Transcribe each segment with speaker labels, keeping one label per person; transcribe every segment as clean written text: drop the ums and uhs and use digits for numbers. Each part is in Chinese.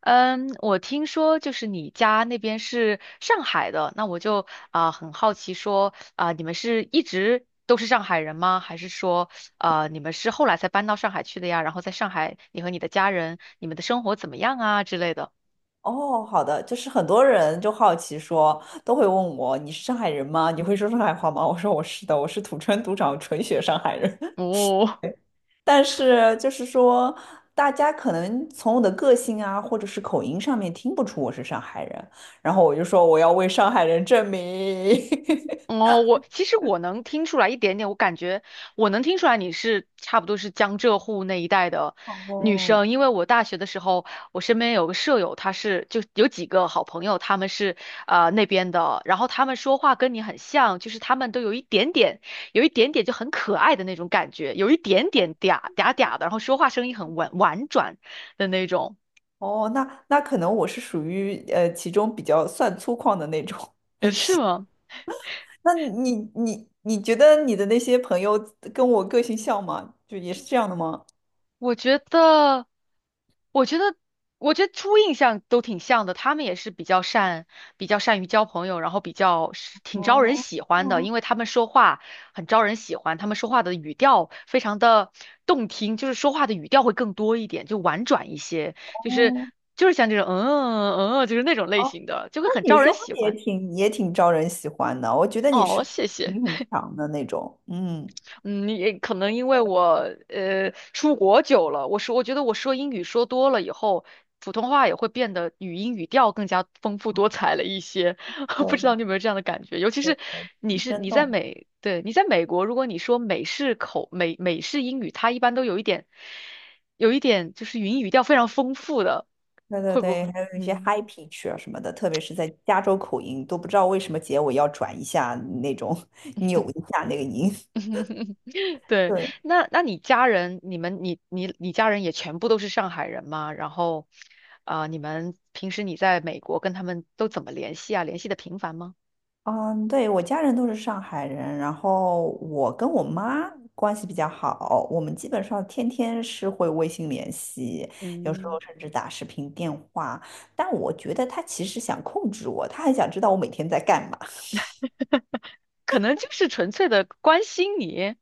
Speaker 1: 嗯，我听说就是你家那边是上海的，那我就啊、很好奇说啊、你们是一直都是上海人吗？还是说啊你们是后来才搬到上海去的呀？然后在上海，你和你的家人，你们的生活怎么样啊之类的？
Speaker 2: 哦，好的，就是很多人就好奇说，都会问我你是上海人吗？你会说上海话吗？我说我是的，我是土生土长纯血上海人。
Speaker 1: 哦，
Speaker 2: 但是就是说，大家可能从我的个性啊，或者是口音上面听不出我是上海人，然后我就说我要为上海人证明。
Speaker 1: 哦，我其实我能听出来一点点，我感觉我能听出来你是差不多是江浙沪那一带的 女
Speaker 2: 哦
Speaker 1: 生，因为我大学的时候，我身边有个舍友，她是就有几个好朋友，他们是那边的，然后他们说话跟你很像，就是他们都有一点点，有一点点就很可爱的那种感觉，有一点点嗲嗲嗲的，然后说话声音很婉婉转的那种，
Speaker 2: 哦，那那可能我是属于其中比较算粗犷的那种。
Speaker 1: 是吗？
Speaker 2: 那你觉得你的那些朋友跟我个性像吗？就也是这样的吗？
Speaker 1: 我觉得，我觉得，我觉得初印象都挺像的。他们也是比较善，比较善于交朋友，然后比较是挺招人
Speaker 2: 哦
Speaker 1: 喜欢的，
Speaker 2: 哦
Speaker 1: 因为他们说话很招人喜欢，他们说话的语调非常的动听，就是说话的语调会更多一点，就婉转一些，就是
Speaker 2: 哦，
Speaker 1: 就是像这种嗯嗯，嗯嗯就是那种类
Speaker 2: 哦，
Speaker 1: 型的，就会
Speaker 2: 那
Speaker 1: 很
Speaker 2: 你
Speaker 1: 招人
Speaker 2: 说话
Speaker 1: 喜
Speaker 2: 也
Speaker 1: 欢。
Speaker 2: 挺也挺招人喜欢的，我觉得你是
Speaker 1: 哦，谢谢。
Speaker 2: 你很强的那种，嗯，
Speaker 1: 嗯，也可能因为我出国久了，我说我觉得我说英语说多了以后，普通话也会变得语音语调更加丰富多彩了一些。不知道
Speaker 2: 对
Speaker 1: 你有没有这样的感觉？尤其
Speaker 2: 对
Speaker 1: 是
Speaker 2: 对对，
Speaker 1: 你
Speaker 2: 很
Speaker 1: 是
Speaker 2: 生
Speaker 1: 你在
Speaker 2: 动，
Speaker 1: 美，对，你在美国，如果你说美式口美美式英语，它一般都有一点有一点就是语音语调非常丰富的，
Speaker 2: 对对
Speaker 1: 会不
Speaker 2: 对，
Speaker 1: 会？
Speaker 2: 还有一些
Speaker 1: 嗯。
Speaker 2: h i g p i c h 啊什么的，特别是在加州口音，都不知道为什么结尾要转一下那种，扭一下那个音，
Speaker 1: 对，
Speaker 2: 对，
Speaker 1: 那那你家人，你们你你你家人也全部都是上海人吗？然后，啊、你们平时你在美国跟他们都怎么联系啊？联系的频繁吗？
Speaker 2: 嗯，对，我家人都是上海人，然后我跟我妈关系比较好，我们基本上天天是会微信联系，有时候
Speaker 1: 嗯，
Speaker 2: 甚至打视频电话。但我觉得他其实想控制我，他还想知道我每天在干嘛。
Speaker 1: 可能就是纯粹的关心你。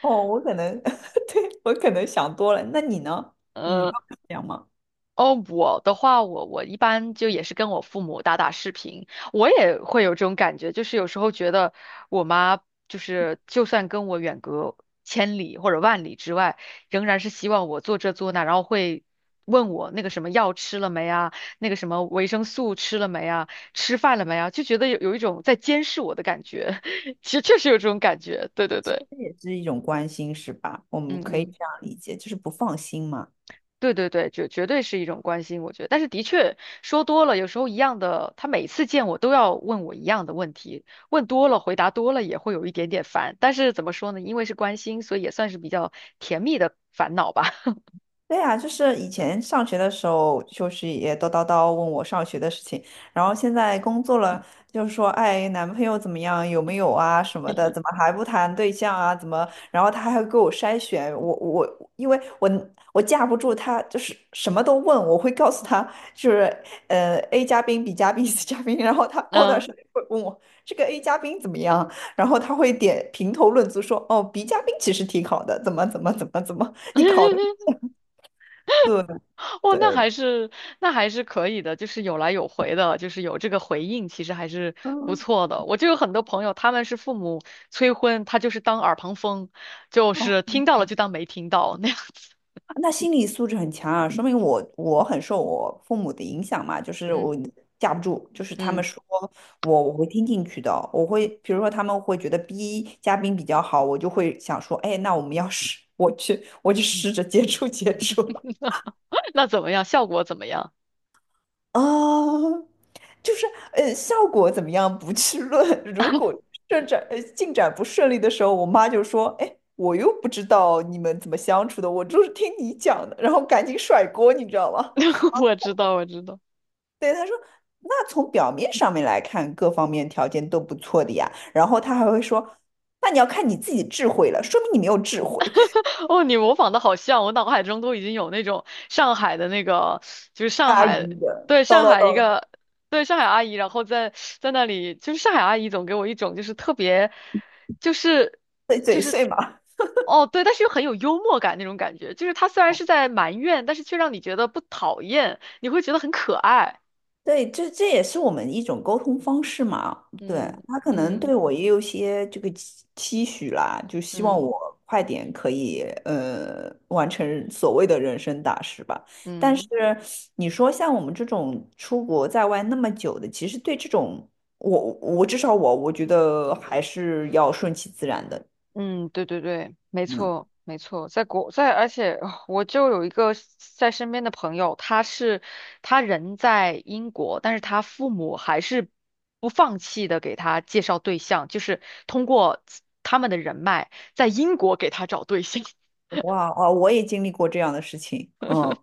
Speaker 2: 哦，我可能，对，我可能想多了。那你呢？你不会这样吗？
Speaker 1: 哦，我的话，我我一般就也是跟我父母打打视频，我也会有这种感觉，就是有时候觉得我妈就是就算跟我远隔千里或者万里之外，仍然是希望我做这做那，然后会问我那个什么药吃了没啊，那个什么维生素吃了没啊，吃饭了没啊，就觉得有有一种在监视我的感觉，其实确实有这种感觉，对对
Speaker 2: 这
Speaker 1: 对，
Speaker 2: 也是一种关心，是吧？我们
Speaker 1: 嗯
Speaker 2: 可以
Speaker 1: 嗯。
Speaker 2: 这样理解，就是不放心嘛。
Speaker 1: 对对对，绝绝对是一种关心，我觉得。但是的确说多了，有时候一样的，他每次见我都要问我一样的问题，问多了，回答多了也会有一点点烦。但是怎么说呢？因为是关心，所以也算是比较甜蜜的烦恼吧。
Speaker 2: 对呀，就是以前上学的时候，就是也叨叨叨问我上学的事情，然后现在工作了，就是说，哎，男朋友怎么样，有没有啊什么的，怎么还不谈对象啊？怎么？然后他还会给我筛选，我因为我架不住他，就是什么都问，我会告诉他，就是A 加宾、B 加宾、C 嘉宾，然后他过段时
Speaker 1: 嗯。
Speaker 2: 间会问我这个 A 加宾怎么样，然后他会点评头论足说，哦，B 加宾其实挺好的，怎么怎么怎么怎么，你考虑。对，
Speaker 1: 哦，那
Speaker 2: 对，
Speaker 1: 还是那还是可以的，就是有来有回的，就是有这个回应，其实还是不
Speaker 2: 嗯，
Speaker 1: 错的。我就有很多朋友，他们是父母催婚，他就是当耳旁风，就
Speaker 2: 哦，
Speaker 1: 是听到了就当没听到那样子。
Speaker 2: 那心理素质很强啊，说明我很受我父母的影响嘛，就是我
Speaker 1: 嗯
Speaker 2: 架不住，就是他们
Speaker 1: 嗯。
Speaker 2: 说我会听进去的，我会比如说他们会觉得 B 嘉宾比较好，我就会想说，哎，那我们要是我去我就试着接触接触
Speaker 1: 那怎么样？效果怎么样？
Speaker 2: 啊，就是呃，效果怎么样不去论。如果进展不顺利的时候，我妈就说：“哎，我又不知道你们怎么相处的，我就是听你讲的。”然后赶紧甩锅，你知道吗？
Speaker 1: 我知道，我知道。
Speaker 2: 对，她说。那从表面上面来看，各方面条件都不错的呀。然后她还会说：“那你要看你自己智慧了，说明你没有智慧。”
Speaker 1: 哦，你模仿的好像，我脑海中都已经有那种上海的那个，就是上
Speaker 2: 阿姨
Speaker 1: 海，
Speaker 2: 的
Speaker 1: 对，
Speaker 2: 叨
Speaker 1: 上
Speaker 2: 叨
Speaker 1: 海一
Speaker 2: 叨，
Speaker 1: 个，对，上海阿姨，然后在在那里，就是上海阿姨总给我一种就是特别，就是
Speaker 2: 碎
Speaker 1: 就
Speaker 2: 嘴
Speaker 1: 是，
Speaker 2: 碎嘛。
Speaker 1: 哦，对，但是又很有幽默感那种感觉，就是她虽然是在埋怨，但是却让你觉得不讨厌，你会觉得很可爱。
Speaker 2: 对，这这也是我们一种沟通方式嘛。对，
Speaker 1: 嗯
Speaker 2: 他可能
Speaker 1: 嗯
Speaker 2: 对我也有些这个期许啦，就希望
Speaker 1: 嗯
Speaker 2: 我快点可以完成所谓的人生大事吧。但是
Speaker 1: 嗯。
Speaker 2: 你说像我们这种出国在外那么久的，其实对这种我至少我觉得还是要顺其自然的。
Speaker 1: 嗯，对对对，没
Speaker 2: 嗯，
Speaker 1: 错没错，在国在，而且啊我就有一个在身边的朋友，他是他人在英国，但是他父母还是不放弃的给他介绍对象，就是通过自他们的人脉在英国给他找对象，
Speaker 2: 哇哦，我也经历过这样的事情。嗯。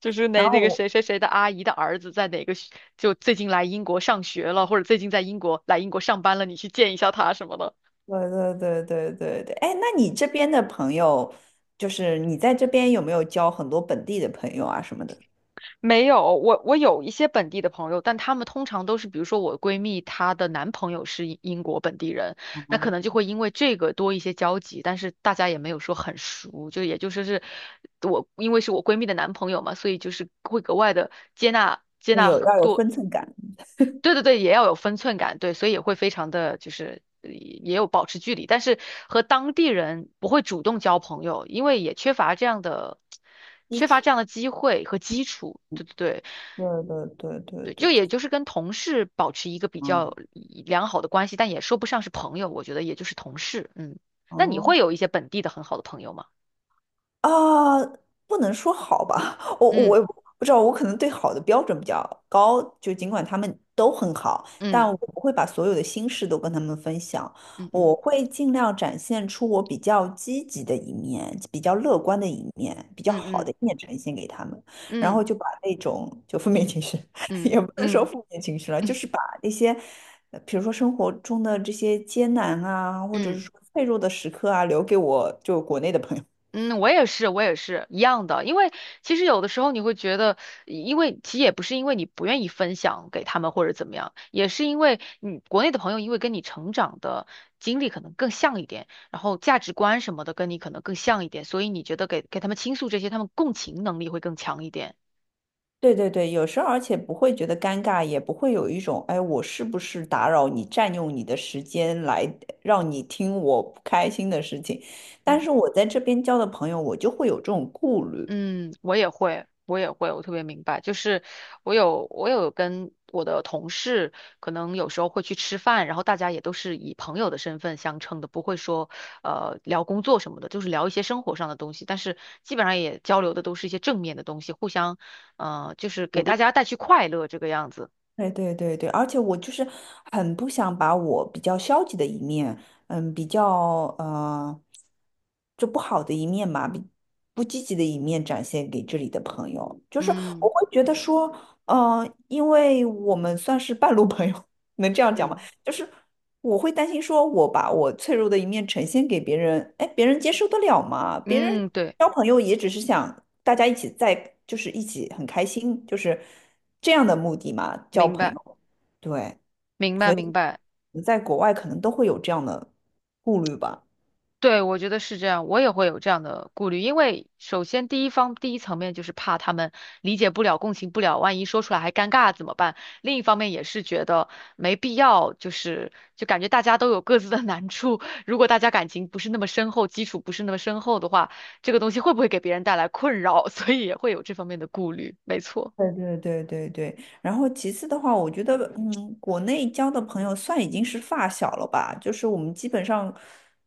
Speaker 1: 就是
Speaker 2: 然
Speaker 1: 那那个
Speaker 2: 后
Speaker 1: 谁谁谁的阿姨的儿子在哪个学就最近来英国上学了，或者最近在英国来英国上班了，你去见一下他什么的。
Speaker 2: 对对对对对对，哎，那你这边的朋友，就是你在这边有没有交很多本地的朋友啊什么的？
Speaker 1: 没有，我我有一些本地的朋友，但他们通常都是，比如说我闺蜜，她的男朋友是英英国本地人，那可能
Speaker 2: 哦，
Speaker 1: 就会因为这个多一些交集，但是大家也没有说很熟，就也就说是我因为是我闺蜜的男朋友嘛，所以就是会格外的接纳接
Speaker 2: 那有
Speaker 1: 纳
Speaker 2: 要有
Speaker 1: 多，
Speaker 2: 分寸感
Speaker 1: 对对对，也要有分寸感，对，所以也会非常的就是也有保持距离，但是和当地人不会主动交朋友，因为也缺乏这样的
Speaker 2: 基
Speaker 1: 缺乏这
Speaker 2: 础。
Speaker 1: 样的机会和基础，对对对。
Speaker 2: 对对对对
Speaker 1: 对，就
Speaker 2: 对，
Speaker 1: 也就是跟同事保持一个比较
Speaker 2: 嗯。
Speaker 1: 良好的关系，但也说不上是朋友，我觉得也就是同事。嗯，那你
Speaker 2: 哦。
Speaker 1: 会有一些本地的很好的朋友吗？
Speaker 2: 啊，不能说好吧，我
Speaker 1: 嗯
Speaker 2: 我也不知道，我可能对好的标准比较高，就尽管他们都很好，但我
Speaker 1: 嗯
Speaker 2: 不会把所有的心事都跟他们分享，
Speaker 1: 嗯
Speaker 2: 我
Speaker 1: 嗯
Speaker 2: 会尽量展现出我比较积极的一面，比较乐观的一面，比较
Speaker 1: 嗯
Speaker 2: 好的
Speaker 1: 嗯
Speaker 2: 一面呈现给他们，然后
Speaker 1: 嗯
Speaker 2: 就把那种就负面情绪，
Speaker 1: 嗯
Speaker 2: 也不能说
Speaker 1: 嗯
Speaker 2: 负面情绪了，就是把那些。比如说生活中的这些艰难啊，或者是
Speaker 1: 嗯。
Speaker 2: 说脆弱的时刻啊，留给我就国内的朋友。
Speaker 1: 嗯，我也是，我也是一样的。因为其实有的时候你会觉得，因为其实也不是因为你不愿意分享给他们或者怎么样，也是因为你国内的朋友因为跟你成长的经历可能更像一点，然后价值观什么的跟你可能更像一点，所以你觉得给给他们倾诉这些，他们共情能力会更强一点。
Speaker 2: 对对对，有时候而且不会觉得尴尬，也不会有一种，哎，我是不是打扰你，占用你的时间来让你听我不开心的事情。
Speaker 1: 嗯。
Speaker 2: 但是我在这边交的朋友，我就会有这种顾虑。
Speaker 1: 嗯，我也会，我也会，我特别明白。就是我有，我有跟我的同事，可能有时候会去吃饭，然后大家也都是以朋友的身份相称的，不会说聊工作什么的，就是聊一些生活上的东西。但是基本上也交流的都是一些正面的东西，互相就是给大家带去快乐这个样子。
Speaker 2: 对对对对，而且我就是很不想把我比较消极的一面，嗯，比较呃，就不好的一面嘛，比不积极的一面展现给这里的朋友。就是我
Speaker 1: 嗯
Speaker 2: 会觉得说，嗯、因为我们算是半路朋友，能这样讲吗？
Speaker 1: 嗯
Speaker 2: 就是我会担心说，我把我脆弱的一面呈现给别人，哎，别人接受得了吗？别人。
Speaker 1: 嗯，对，
Speaker 2: 交朋友也只是想大家一起在，就是一起很开心，就是这样的目的嘛，交
Speaker 1: 明
Speaker 2: 朋
Speaker 1: 白
Speaker 2: 友。对，
Speaker 1: 明白
Speaker 2: 所
Speaker 1: 明
Speaker 2: 以
Speaker 1: 白。
Speaker 2: 你在国外可能都会有这样的顾虑吧。
Speaker 1: 对，我觉得是这样，我也会有这样的顾虑，因为首先第一方第一层面就是怕他们理解不了、共情不了，万一说出来还尴尬怎么办？另一方面也是觉得没必要，就是就感觉大家都有各自的难处，如果大家感情不是那么深厚，基础不是那么深厚的话，这个东西会不会给别人带来困扰？所以也会有这方面的顾虑，没错，
Speaker 2: 对对对对对，然后其次的话，我觉得，嗯，国内交的朋友算已经是发小了吧，就是我们基本上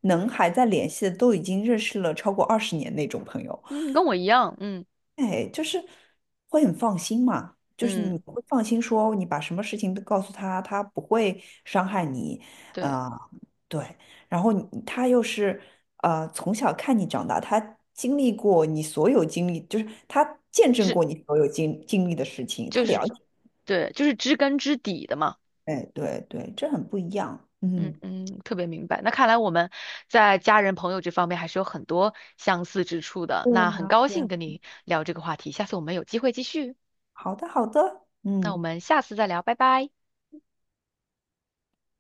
Speaker 2: 能还在联系的，都已经认识了超过20年那种朋友。
Speaker 1: 嗯，跟我一样，嗯
Speaker 2: 哎，就是会很放心嘛，就是你
Speaker 1: 嗯，
Speaker 2: 会放心说你把什么事情都告诉他，他不会伤害你，
Speaker 1: 对，
Speaker 2: 啊、对。然后你他又是从小看你长大，他经历过你所有经历，就是他见证
Speaker 1: 是
Speaker 2: 过你所有经历的事情，他
Speaker 1: 就是
Speaker 2: 了解。
Speaker 1: 对，就是知根知底的嘛。
Speaker 2: 哎，对对，这很不一样。
Speaker 1: 嗯
Speaker 2: 嗯，
Speaker 1: 嗯，特别明白。那看来我们在家人朋友这方面还是有很多相似之处的。
Speaker 2: 对
Speaker 1: 那很
Speaker 2: 啊，
Speaker 1: 高
Speaker 2: 对
Speaker 1: 兴
Speaker 2: 啊，
Speaker 1: 跟你聊这个话题，下次我们有机会继续。
Speaker 2: 好的好的，
Speaker 1: 那我
Speaker 2: 嗯。
Speaker 1: 们下次再聊，拜拜。